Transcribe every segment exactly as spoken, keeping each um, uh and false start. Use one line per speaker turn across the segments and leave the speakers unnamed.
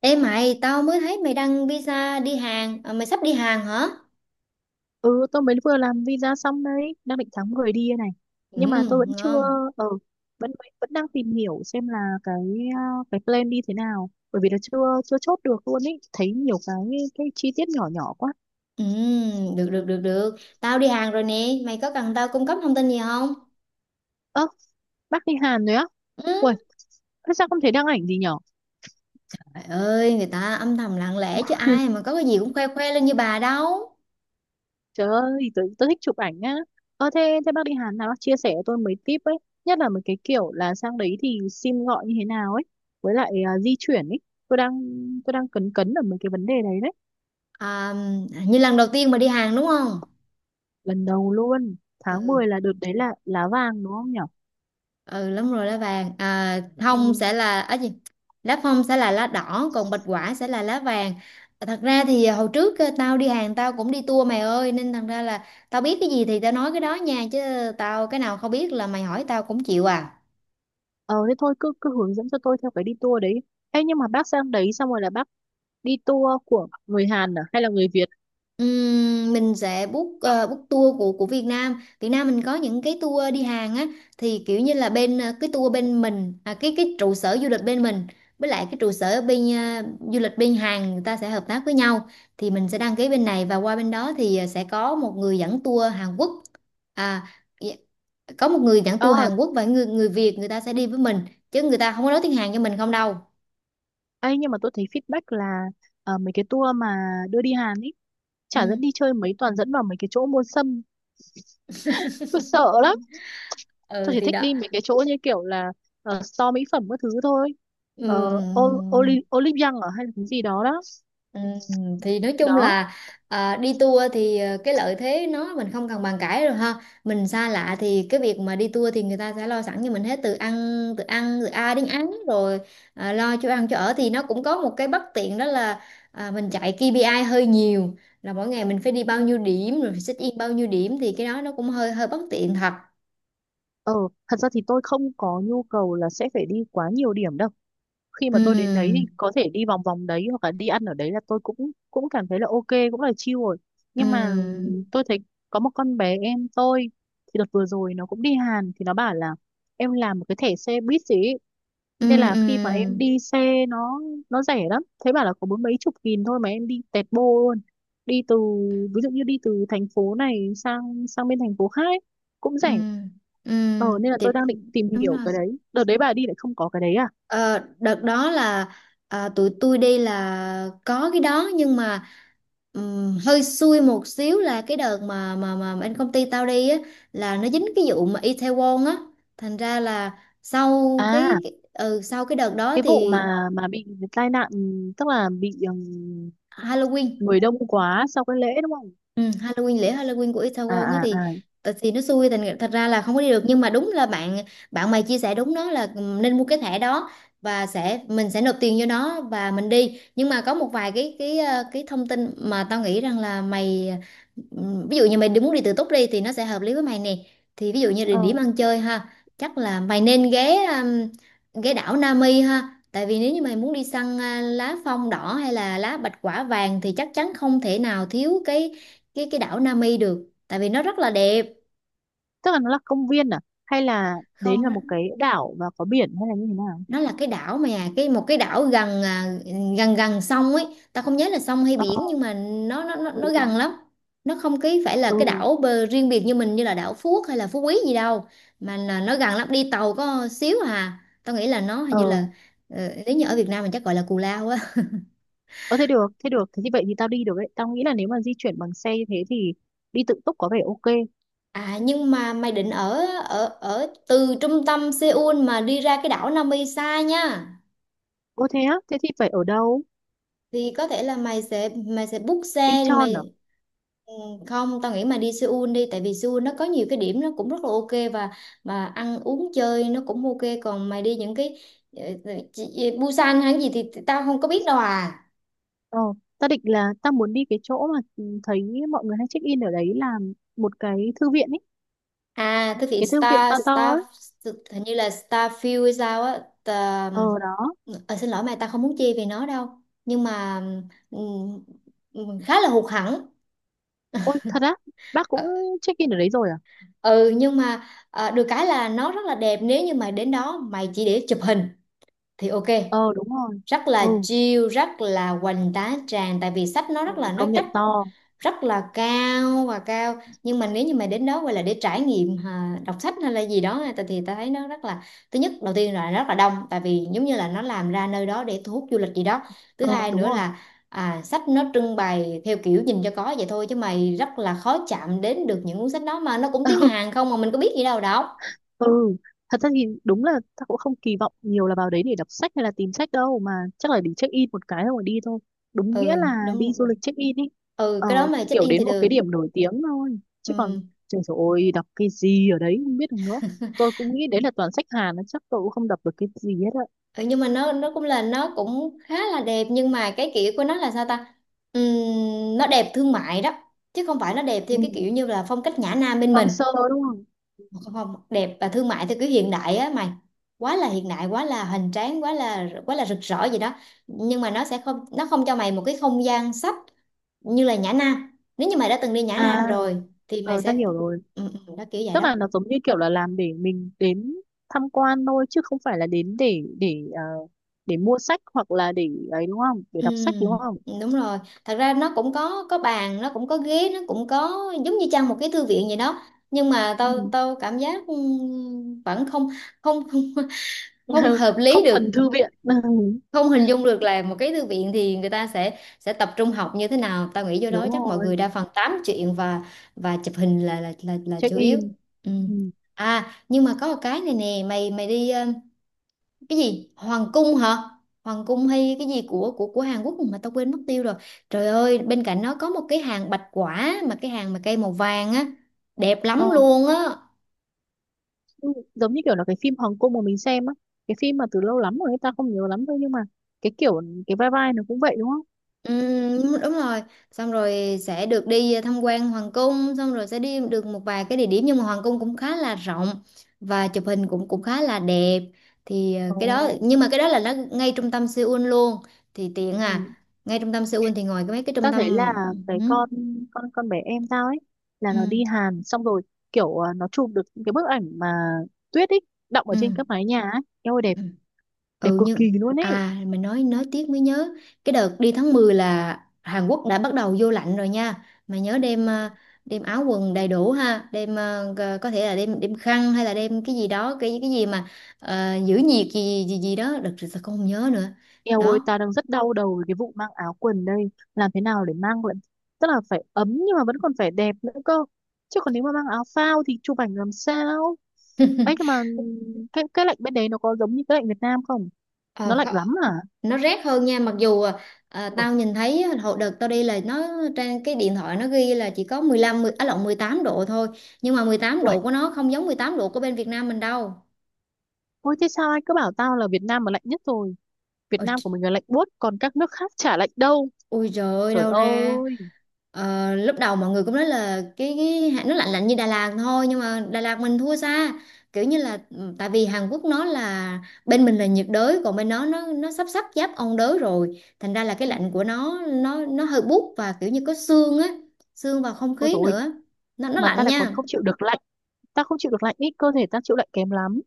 Ê mày, tao mới thấy mày đăng visa đi Hàn, à, mày sắp đi Hàn hả?
Ừ, tôi mới vừa làm visa xong đấy, đang định tháng mười đi đây này.
Ừ,
Nhưng mà tôi vẫn chưa,
ngon.
ờ vẫn vẫn đang tìm hiểu xem là cái, à, cái plan đi thế nào, bởi vì là chưa chưa chốt được luôn ý, thấy nhiều cái cái chi tiết nhỏ nhỏ quá.
Ừ, được được được được. Tao đi Hàn rồi nè, mày có cần tao cung cấp thông tin gì không?
Ơ, bác đi Hàn rồi á? Ui,
Ừ.
thế sao không thấy đăng ảnh gì nhở?
Trời ơi, người ta âm thầm lặng lẽ chứ ai mà có cái gì cũng khoe khoe lên như bà đâu.
Trời ơi, tôi, tôi thích chụp ảnh á. Ơ, thế thế bác đi Hàn nào bác chia sẻ cho tôi mấy tip ấy, nhất là mấy cái kiểu là sang đấy thì sim gọi như thế nào ấy, với lại à, di chuyển ấy. tôi đang tôi đang cấn cấn ở mấy cái vấn đề đấy đấy.
À, như lần đầu tiên mà đi Hàn đúng không?
Lần đầu luôn, tháng
Ừ.
mười là đợt đấy là lá vàng đúng không nhở?
Ừ, đúng rồi, lá vàng. À,
Ừ.
thông sẽ là ấy gì, lá phong sẽ là lá đỏ, còn bạch quả sẽ là lá vàng. Thật ra thì hồi trước ờ, tao đi hàng tao cũng đi tour mày ơi, nên thành ra là tao biết cái gì thì tao nói cái đó nha, chứ tao cái nào không biết là mày hỏi tao cũng chịu à.
Ờ thế thôi, cứ cứ hướng dẫn cho tôi theo cái đi tour đấy. Ấy nhưng mà bác sang đấy xong rồi là bác đi tour của người Hàn à hay là người Việt?
Ừm, mình sẽ book ờ, book tour của của Việt Nam. Việt Nam mình có những cái tour đi Hàn á, thì kiểu như là bên ờ, cái tour bên mình, à, cái cái trụ sở du lịch bên mình, với lại cái trụ sở ở bên ờ, du lịch bên Hàn, người ta sẽ hợp tác với nhau, thì mình sẽ đăng ký bên này và qua bên đó thì ờ, sẽ có một người dẫn tour Hàn Quốc. À, dạ, có một người dẫn tour
Ờ.
Hàn Quốc và người người Việt người ta sẽ đi với mình, chứ người ta không có nói tiếng Hàn cho mình không đâu.
Ấy nhưng mà tôi thấy feedback là, ờ, mấy cái tour mà đưa đi Hàn ý, chả dẫn
Ừm.
đi chơi mấy, toàn dẫn vào mấy cái chỗ mua sâm. Tôi sợ lắm. Tôi
Ừ
chỉ
thì
thích
đó.
đi mấy cái chỗ như kiểu là, ờ, store mỹ phẩm các thứ thôi. Ờ, Ol-
Ừm.
Oli- Olive Young ở hay là cái gì đó đó.
Ừ, thì nói chung
Đó.
là, à, đi tour thì, à, cái lợi thế nó mình không cần bàn cãi rồi ha, mình xa lạ thì cái việc mà đi tour thì người ta sẽ lo sẵn cho mình hết từ ăn, từ ăn từ A đến án rồi. À, lo cho ăn cho ở thì nó cũng có một cái bất tiện đó là à, mình chạy ca pê i hơi nhiều, là mỗi ngày mình phải đi bao
Ừ.
nhiêu điểm rồi phải check in bao nhiêu điểm, thì cái đó nó cũng hơi hơi bất tiện thật.
Ờ, thật ra thì tôi không có nhu cầu là sẽ phải đi quá nhiều điểm đâu. Khi mà tôi đến đấy thì
Ừ.
có thể đi vòng vòng đấy hoặc là đi ăn ở đấy là tôi cũng cũng cảm thấy là ok, cũng là chill rồi. Nhưng mà
Ừ.
ừm, tôi thấy có một con bé em tôi thì đợt vừa rồi nó cũng đi Hàn thì nó bảo là em làm một cái thẻ xe buýt gì ấy.
Ừ.
Nên là
Ừ.
khi mà em đi xe nó nó rẻ lắm. Thế bảo là có bốn mấy chục nghìn thôi mà em đi tẹt bô luôn. Đi từ, ví dụ như đi từ thành phố này sang sang bên thành phố khác ấy, cũng
Ừ.
rẻ.
Ừ.
Ờ
Ừ,
nên là
thì
tôi đang định tìm
đúng
hiểu
rồi.
cái đấy. Đợt đấy bà đi lại không có cái đấy à?
Ờ, đợt đó là, à, tụi tôi đi là có cái đó nhưng mà ừm, hơi xui một xíu là cái đợt mà mà mà bên công ty tao đi á, là nó dính cái vụ mà Itaewon á, thành ra là sau
À,
cái, cái ừ, sau cái đợt đó
cái vụ
thì
mà mà bị tai nạn, tức là bị ừm,
Halloween.
người đông quá sau cái lễ đúng không?
Ừ, Halloween, lễ Halloween của
À
Itaewon á,
à
thì
à.
ờ, thì nó xui, thành thật ra là không có đi được, nhưng mà đúng là bạn bạn mày chia sẻ đúng đó, là ừ, nên mua cái thẻ đó và sẽ mình sẽ nộp tiền cho nó và mình đi. Nhưng mà có một vài cái cái ờ, cái thông tin mà tao nghĩ rằng là mày, ừm, ví dụ như mày đi muốn đi tự túc đi thì nó sẽ hợp lý với mày nè, thì ví dụ như địa
Ờ,
điểm ăn chơi ha, chắc là mày nên ghé ừm, ghé đảo Nami ha, tại vì nếu như mày muốn đi săn, à, lá phong đỏ hay là lá bạch quả vàng, thì chắc chắn không thể nào thiếu cái cái cái đảo Nami được, tại vì nó rất là đẹp.
tức là nó là công viên à hay là đấy
Không,
là
nó,
một cái đảo và có biển hay là như thế nào?
nó là cái đảo mà, cái một cái đảo gần, à, gần gần sông ấy, ta không nhớ là sông hay
Ờ.
biển, nhưng mà nó nó nó,
Ừ
nó
ừ.
gần lắm. Nó không cái phải là cái
Ừ.
đảo bờ riêng biệt như mình, như là đảo Phú Quốc hay là Phú Quý gì đâu, mà là nó gần lắm, đi tàu có xíu à. Tao nghĩ là nó hình
Ờ.
như là ờ, nếu như ở Việt Nam mình chắc gọi là Cù Lao á.
Ờ, thế được, thế được. Thế thì vậy thì tao đi được đấy. Tao nghĩ là nếu mà di chuyển bằng xe như thế thì đi tự túc có vẻ ok.
À, nhưng mà mày định ở ở ở từ trung tâm Seoul mà đi ra cái đảo Nami xa nha,
Ô thế á, thế thì phải ở đâu?
thì có thể là mày sẽ mày sẽ book xe thì
Incheon à?
mày, không, tao nghĩ mày đi Seoul đi, tại vì Seoul nó có nhiều cái điểm nó cũng rất là ok, và và ăn uống chơi nó cũng ok, còn mày đi những cái ờ, ờ, chị- Busan hay gì thì tao không có biết đâu à.
Ờ, ta định là ta muốn đi cái chỗ mà ừ, thấy mọi người hay check in ở đấy là một cái thư viện ấy,
À thực hiện
cái thư viện to
Star
to
Star
ấy.
hình như là Starfield hay sao á. Tà-
Ờ đó.
ờ, xin lỗi mày, tao không muốn chê về nó đâu, nhưng mà ừm, ừm, khá là hụt hẫng.
Ôi thật á, bác cũng check in ở đấy rồi à?
Ừ, nhưng mà à, được cái là nó rất là đẹp, nếu như mày đến đó mày chỉ để chụp hình thì ok,
Ờ đúng rồi.
rất
Ừ,
là chill, rất là hoành tá tràng, tại vì sách nó
ừ,
rất là nó
công
chất,
nhận to.
rất là cao và cao. Nhưng mà nếu như mà đến đó gọi là để trải nghiệm, à, đọc sách hay là gì đó, thì, thì ta thấy nó rất là, thứ nhất đầu tiên là rất là đông, tại vì giống như là nó làm ra nơi đó để thu hút du lịch gì đó. Thứ
Ờ
hai
đúng
nữa
rồi.
là à, sách nó trưng bày theo kiểu nhìn cho có vậy thôi, chứ mày rất là khó chạm đến được những cuốn sách đó, mà nó cũng tiếng Hàn không, mà mình có biết gì đâu đọc.
Ừ, thật ra thì đúng là ta cũng không kỳ vọng nhiều là vào đấy để đọc sách hay là tìm sách đâu, mà chắc là để check in một cái rồi đi thôi. Đúng nghĩa
Ừ,
là đi
đúng.
du lịch check in ý.
Ừ,
Ờ,
cái đó mà check
kiểu
in thì
đến một cái
được.
điểm nổi tiếng thôi. Chứ còn
Ừ.
trời ơi, đọc cái gì ở đấy không biết được nữa. Tôi cũng nghĩ đấy là toàn sách Hàn, nó chắc tôi cũng không đọc được cái gì hết ạ.
Ừ, nhưng mà nó nó cũng là nó cũng khá là đẹp, nhưng mà cái kiểu của nó là sao ta, Ừm, nó đẹp thương mại đó, chứ không phải nó đẹp
Ừ.
theo cái kiểu như là phong cách nhã nam bên mình.
Hoang sơ đúng không?
Không, không, đẹp và thương mại theo kiểu hiện đại á mày, quá là hiện đại, quá là hoành tráng, quá là quá là rực rỡ gì đó, nhưng mà nó sẽ không nó không cho mày một cái không gian sách như là nhã nam, nếu như mày đã từng đi nhã
À,
nam rồi thì mày
ờ, ta
sẽ,
hiểu rồi.
ừ, ừ, đó, kiểu vậy
Tức
đó.
là nó giống như kiểu là làm để mình đến tham quan thôi chứ không phải là đến để để ờ, để mua sách hoặc là để ấy đúng không, để
Ừ,
đọc sách đúng không?
đúng rồi. Thật ra nó cũng có có bàn, nó cũng có ghế, nó cũng có giống như trang một cái thư viện vậy đó. Nhưng mà
Ừ.
tao tao cảm giác ừm, vẫn không, không, không không hợp
Không
lý
thuần
được,
thư viện.
không hình dung được là một cái thư viện thì người ta sẽ sẽ tập trung học như thế nào. Tao nghĩ vô đó
Đúng
chắc mọi người
rồi.
đa phần tám chuyện và và chụp hình là là là, là
Check
chủ yếu.
in.
Ừ.
Ừ.
À, nhưng mà có một cái này nè, mày mày đi cái gì, hoàng cung hả, hoàng cung hay cái gì của của của Hàn Quốc mà tao quên mất tiêu rồi. Trời ơi, bên cạnh nó có một cái hàng bạch quả, mà cái hàng mà cây màu vàng á, đẹp
Ờ.
lắm luôn á.
Ừ, giống như kiểu là cái phim Hồng Kông mà mình xem á, cái phim mà từ lâu lắm rồi người ta không nhớ lắm thôi, nhưng mà cái kiểu, cái vai vai nó cũng vậy đúng không?
Ừm, đúng rồi, xong rồi sẽ được đi tham quan hoàng cung, xong rồi sẽ đi được một vài cái địa điểm, nhưng mà hoàng cung cũng khá là rộng và chụp hình cũng cũng khá là đẹp, thì ờ, cái đó,
Ồ.
nhưng mà cái đó là nó ngay trung tâm Seoul luôn, thì tiện à.
Ừ.
Ngay trung tâm Seoul thì ngoài cái mấy cái trung
Tao
tâm,
thấy là cái
ừ,
con con con bé em tao ấy là
ừ,
nó đi Hàn xong rồi kiểu à, nó chụp được những cái bức ảnh mà tuyết ấy đọng ở trên
ừ.
các mái nhà ấy, eo ơi đẹp,
Ừ.
đẹp
Ừ,
cực kỳ
nhưng
luôn ấy.
à mà nói nói tiếc mới nhớ, cái đợt đi tháng mười là Hàn Quốc đã bắt đầu vô lạnh rồi nha, mà nhớ đem,
Ừ.
à, đem áo quần đầy đủ ha, đem, à, g- có thể là đem đem khăn hay là đem cái gì đó, cái cái gì mà ờ, giữ nhiệt gì gì gì đó, đợt rồi sao con không nhớ nữa.
Eo ơi,
Đó.
tao đang rất đau đầu với cái vụ mang áo quần đây. Làm thế nào để mang lại, tức là phải ấm nhưng mà vẫn còn phải đẹp nữa cơ, chứ còn nếu mà mang áo phao thì chụp ảnh làm sao. Ấy nhưng mà cái cái lạnh bên đấy nó có giống như cái lạnh Việt Nam không?
Ờ,
Nó lạnh
kh-
lắm à?
nó rét hơn nha, mặc dù à,
Ui.
tao nhìn thấy hồi đợt tao đi là nó, trên cái điện thoại nó ghi là chỉ có mười lăm mười, á lộn, mười tám độ thôi, nhưng mà mười tám độ
Ui,
của nó không giống mười tám độ của bên Việt Nam mình đâu.
ôi thế sao ai cứ bảo tao là Việt Nam mà lạnh nhất rồi, Việt Nam của mình là lạnh buốt còn các nước khác chả lạnh đâu.
Ui trời ơi,
Trời
đâu ra.
ơi.
Ờ, lúc đầu mọi người cũng nói là cái, cái nó lạnh lạnh như Đà Lạt thôi, nhưng mà Đà Lạt mình thua xa, kiểu như là ừ, tại vì Hàn Quốc nó là, bên mình là nhiệt đới, còn bên nó nó nó sắp sắp giáp ôn đới rồi, thành ra là cái
Ừ.
lạnh của nó nó nó hơi buốt và kiểu như có sương á, sương vào không
Ôi
khí
dồi ôi,
nữa, nó nó
mà ta
lạnh
lại còn
nha.
không chịu được lạnh. Ta không chịu được lạnh, ít cơ thể ta chịu lạnh kém lắm.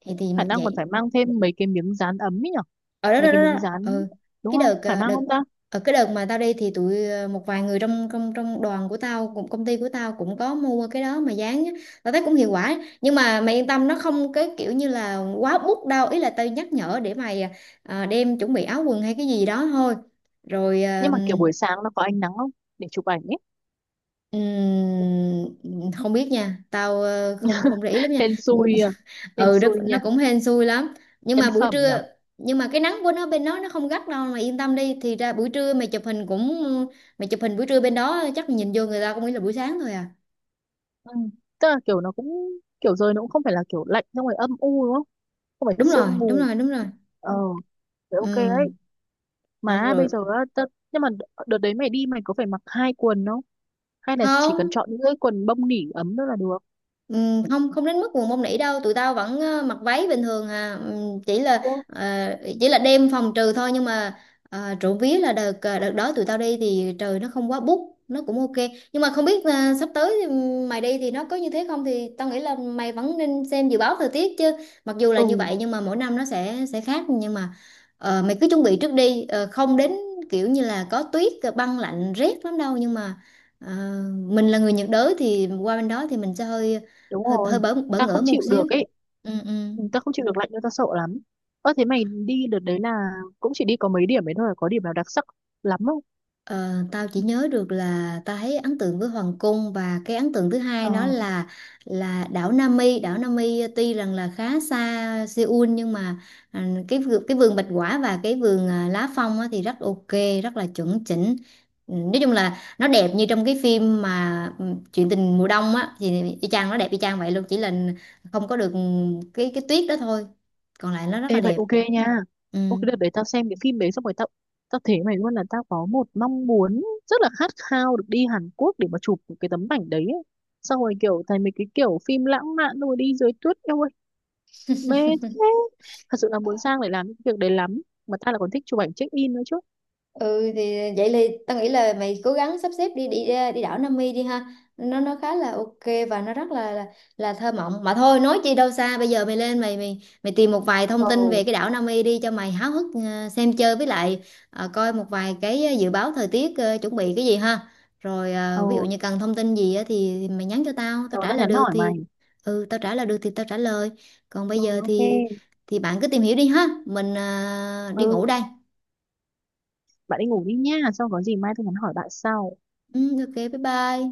Thì thì
Khả
mà
năng còn phải
vậy.
mang thêm mấy cái miếng dán ấm ấy nhở.
Ở đó,
Mấy
đó,
cái
đó,
miếng
đó.
dán,
Ừ.
đúng
cái
không,
đợt
phải
ờ,
mang
đợt
không ta?
ở, cái đợt mà tao đi, thì tụi ờ, một vài người trong trong trong đoàn của tao, cũng công ty của tao cũng có mua cái đó mà dán á. Tao thấy cũng hiệu quả, nhưng mà mày yên tâm, nó không cái kiểu như là quá bút đâu, ý là tao nhắc nhở để mày ờ, đem chuẩn bị áo quần hay cái gì đó thôi. Rồi ờ,
Nhưng mà kiểu buổi sáng nó có ánh nắng không, để chụp ảnh ấy.
ừm, không biết nha, tao ờ, không, không để ý lắm nha.
Hên xui à. Hên
Ừ, nó,
xui nha.
nó cũng hên xui lắm, nhưng
Nhân
mà buổi
phẩm nhở.
trưa, nhưng mà cái nắng của nó bên đó nó không gắt đâu mà yên tâm đi, thì ra buổi trưa mày chụp hình cũng, mày chụp hình buổi trưa bên đó chắc nhìn vô người ta cũng nghĩ là buổi sáng thôi à.
Ừ. Tức là kiểu nó cũng, kiểu rồi nó cũng không phải là kiểu lạnh xong rồi âm u đúng không, không phải
Đúng rồi,
sương
đúng
mù.
rồi, đúng rồi.
Ờ thế
Ừ.
ok đấy.
Xong
Mà
rồi.
bây giờ á, tớ, nhưng mà đ- đợt đấy mày đi mày có phải mặc hai quần không? Hay là chỉ cần
Không.
chọn những cái quần bông nỉ ấm thôi là được?
Ừ, không, không đến mức buồn bông nỉ đâu, tụi tao vẫn ờ, mặc váy bình thường à. Ừm, chỉ là
Ô.
ờ, chỉ là đêm phòng trừ thôi, nhưng mà ờ, trộm vía là đợt, ờ, đợt đó tụi tao đi thì trời nó không quá bút, nó cũng ok, nhưng mà không biết ờ, sắp tới thì mày đi thì nó có như thế không, thì tao nghĩ là mày vẫn nên xem dự báo thời tiết chứ, mặc dù là
Ừ,
như vậy, nhưng mà mỗi năm nó sẽ sẽ khác. Nhưng mà ờ, mày cứ chuẩn bị trước đi. Ờ, không đến kiểu như là có tuyết, ờ, băng lạnh rét lắm đâu, nhưng mà, ờ, mình là người nhiệt đới thì qua bên đó thì mình sẽ hơi,
đúng
hơi hơi
rồi.
bỡ bỡ
Ta
ngỡ
không
một
chịu
xíu.
được ấy.
Ừ. Ừ.
Ừ, ta không chịu được lạnh đâu, ta sợ lắm. Ơ thế mày đi đợt đấy là cũng chỉ đi có mấy điểm ấy thôi, có điểm nào đặc sắc lắm không?
Ờ, tao chỉ nhớ được là tao thấy ấn tượng với hoàng cung, và cái ấn tượng thứ hai
Ờ,
đó là là đảo Nami. Đảo Nami tuy rằng là khá xa Seoul, nhưng mà, à, cái vườn- cái vườn bạch quả và cái vườn, à, lá phong á, thì rất ok, rất là chuẩn chỉnh. Ừ, nói chung là nó đẹp như trong cái phim mà, ừ, chuyện tình mùa đông á, thì y chang, nó đẹp y chang vậy luôn, chỉ là không có được cái cái tuyết đó thôi, còn lại nó rất là
ê vậy
đẹp.
ok nha.
Ừ.
Ok đợt đấy tao xem cái phim đấy xong rồi tao tao thấy mày luôn là tao có một mong muốn rất là khát khao được đi Hàn Quốc để mà chụp cái tấm ảnh đấy ấy. Xong rồi kiểu thấy mấy cái kiểu phim lãng mạn rồi đi dưới tuyết, eo mê. Thế thật sự là muốn sang để làm những việc đấy lắm, mà tao lại còn thích chụp ảnh check in nữa chứ.
Ừ, thì vậy thì tao nghĩ là mày cố gắng sắp xếp đi đi, đi đảo Nam Mi đi ha, nó nó khá là ok, và nó rất là là, là thơ mộng, mà thôi nói chi đâu xa, bây giờ mày lên, mày mày mày tìm một vài thông tin
Ồ,
về cái đảo Nam Mi đi cho mày háo hức, ờ, xem chơi, với lại ờ, coi một vài cái, ờ, dự báo thời tiết, ờ, chuẩn bị cái gì ha, rồi
ồ,
ờ, ví dụ như cần thông tin gì á, thì, thì mày nhắn cho tao tao
cậu
trả
đã
lời
nhắn
được
hỏi
thì,
mày.
ừ, tao trả lời được thì tao trả lời, còn bây
Rồi
giờ
ok.
thì thì bạn cứ tìm hiểu đi ha, mình ờ, đi
Ừ,
ngủ đây.
bạn đi ngủ đi nha, xong có gì mai tôi nhắn hỏi bạn sau.
Ừ, ok, bye bye.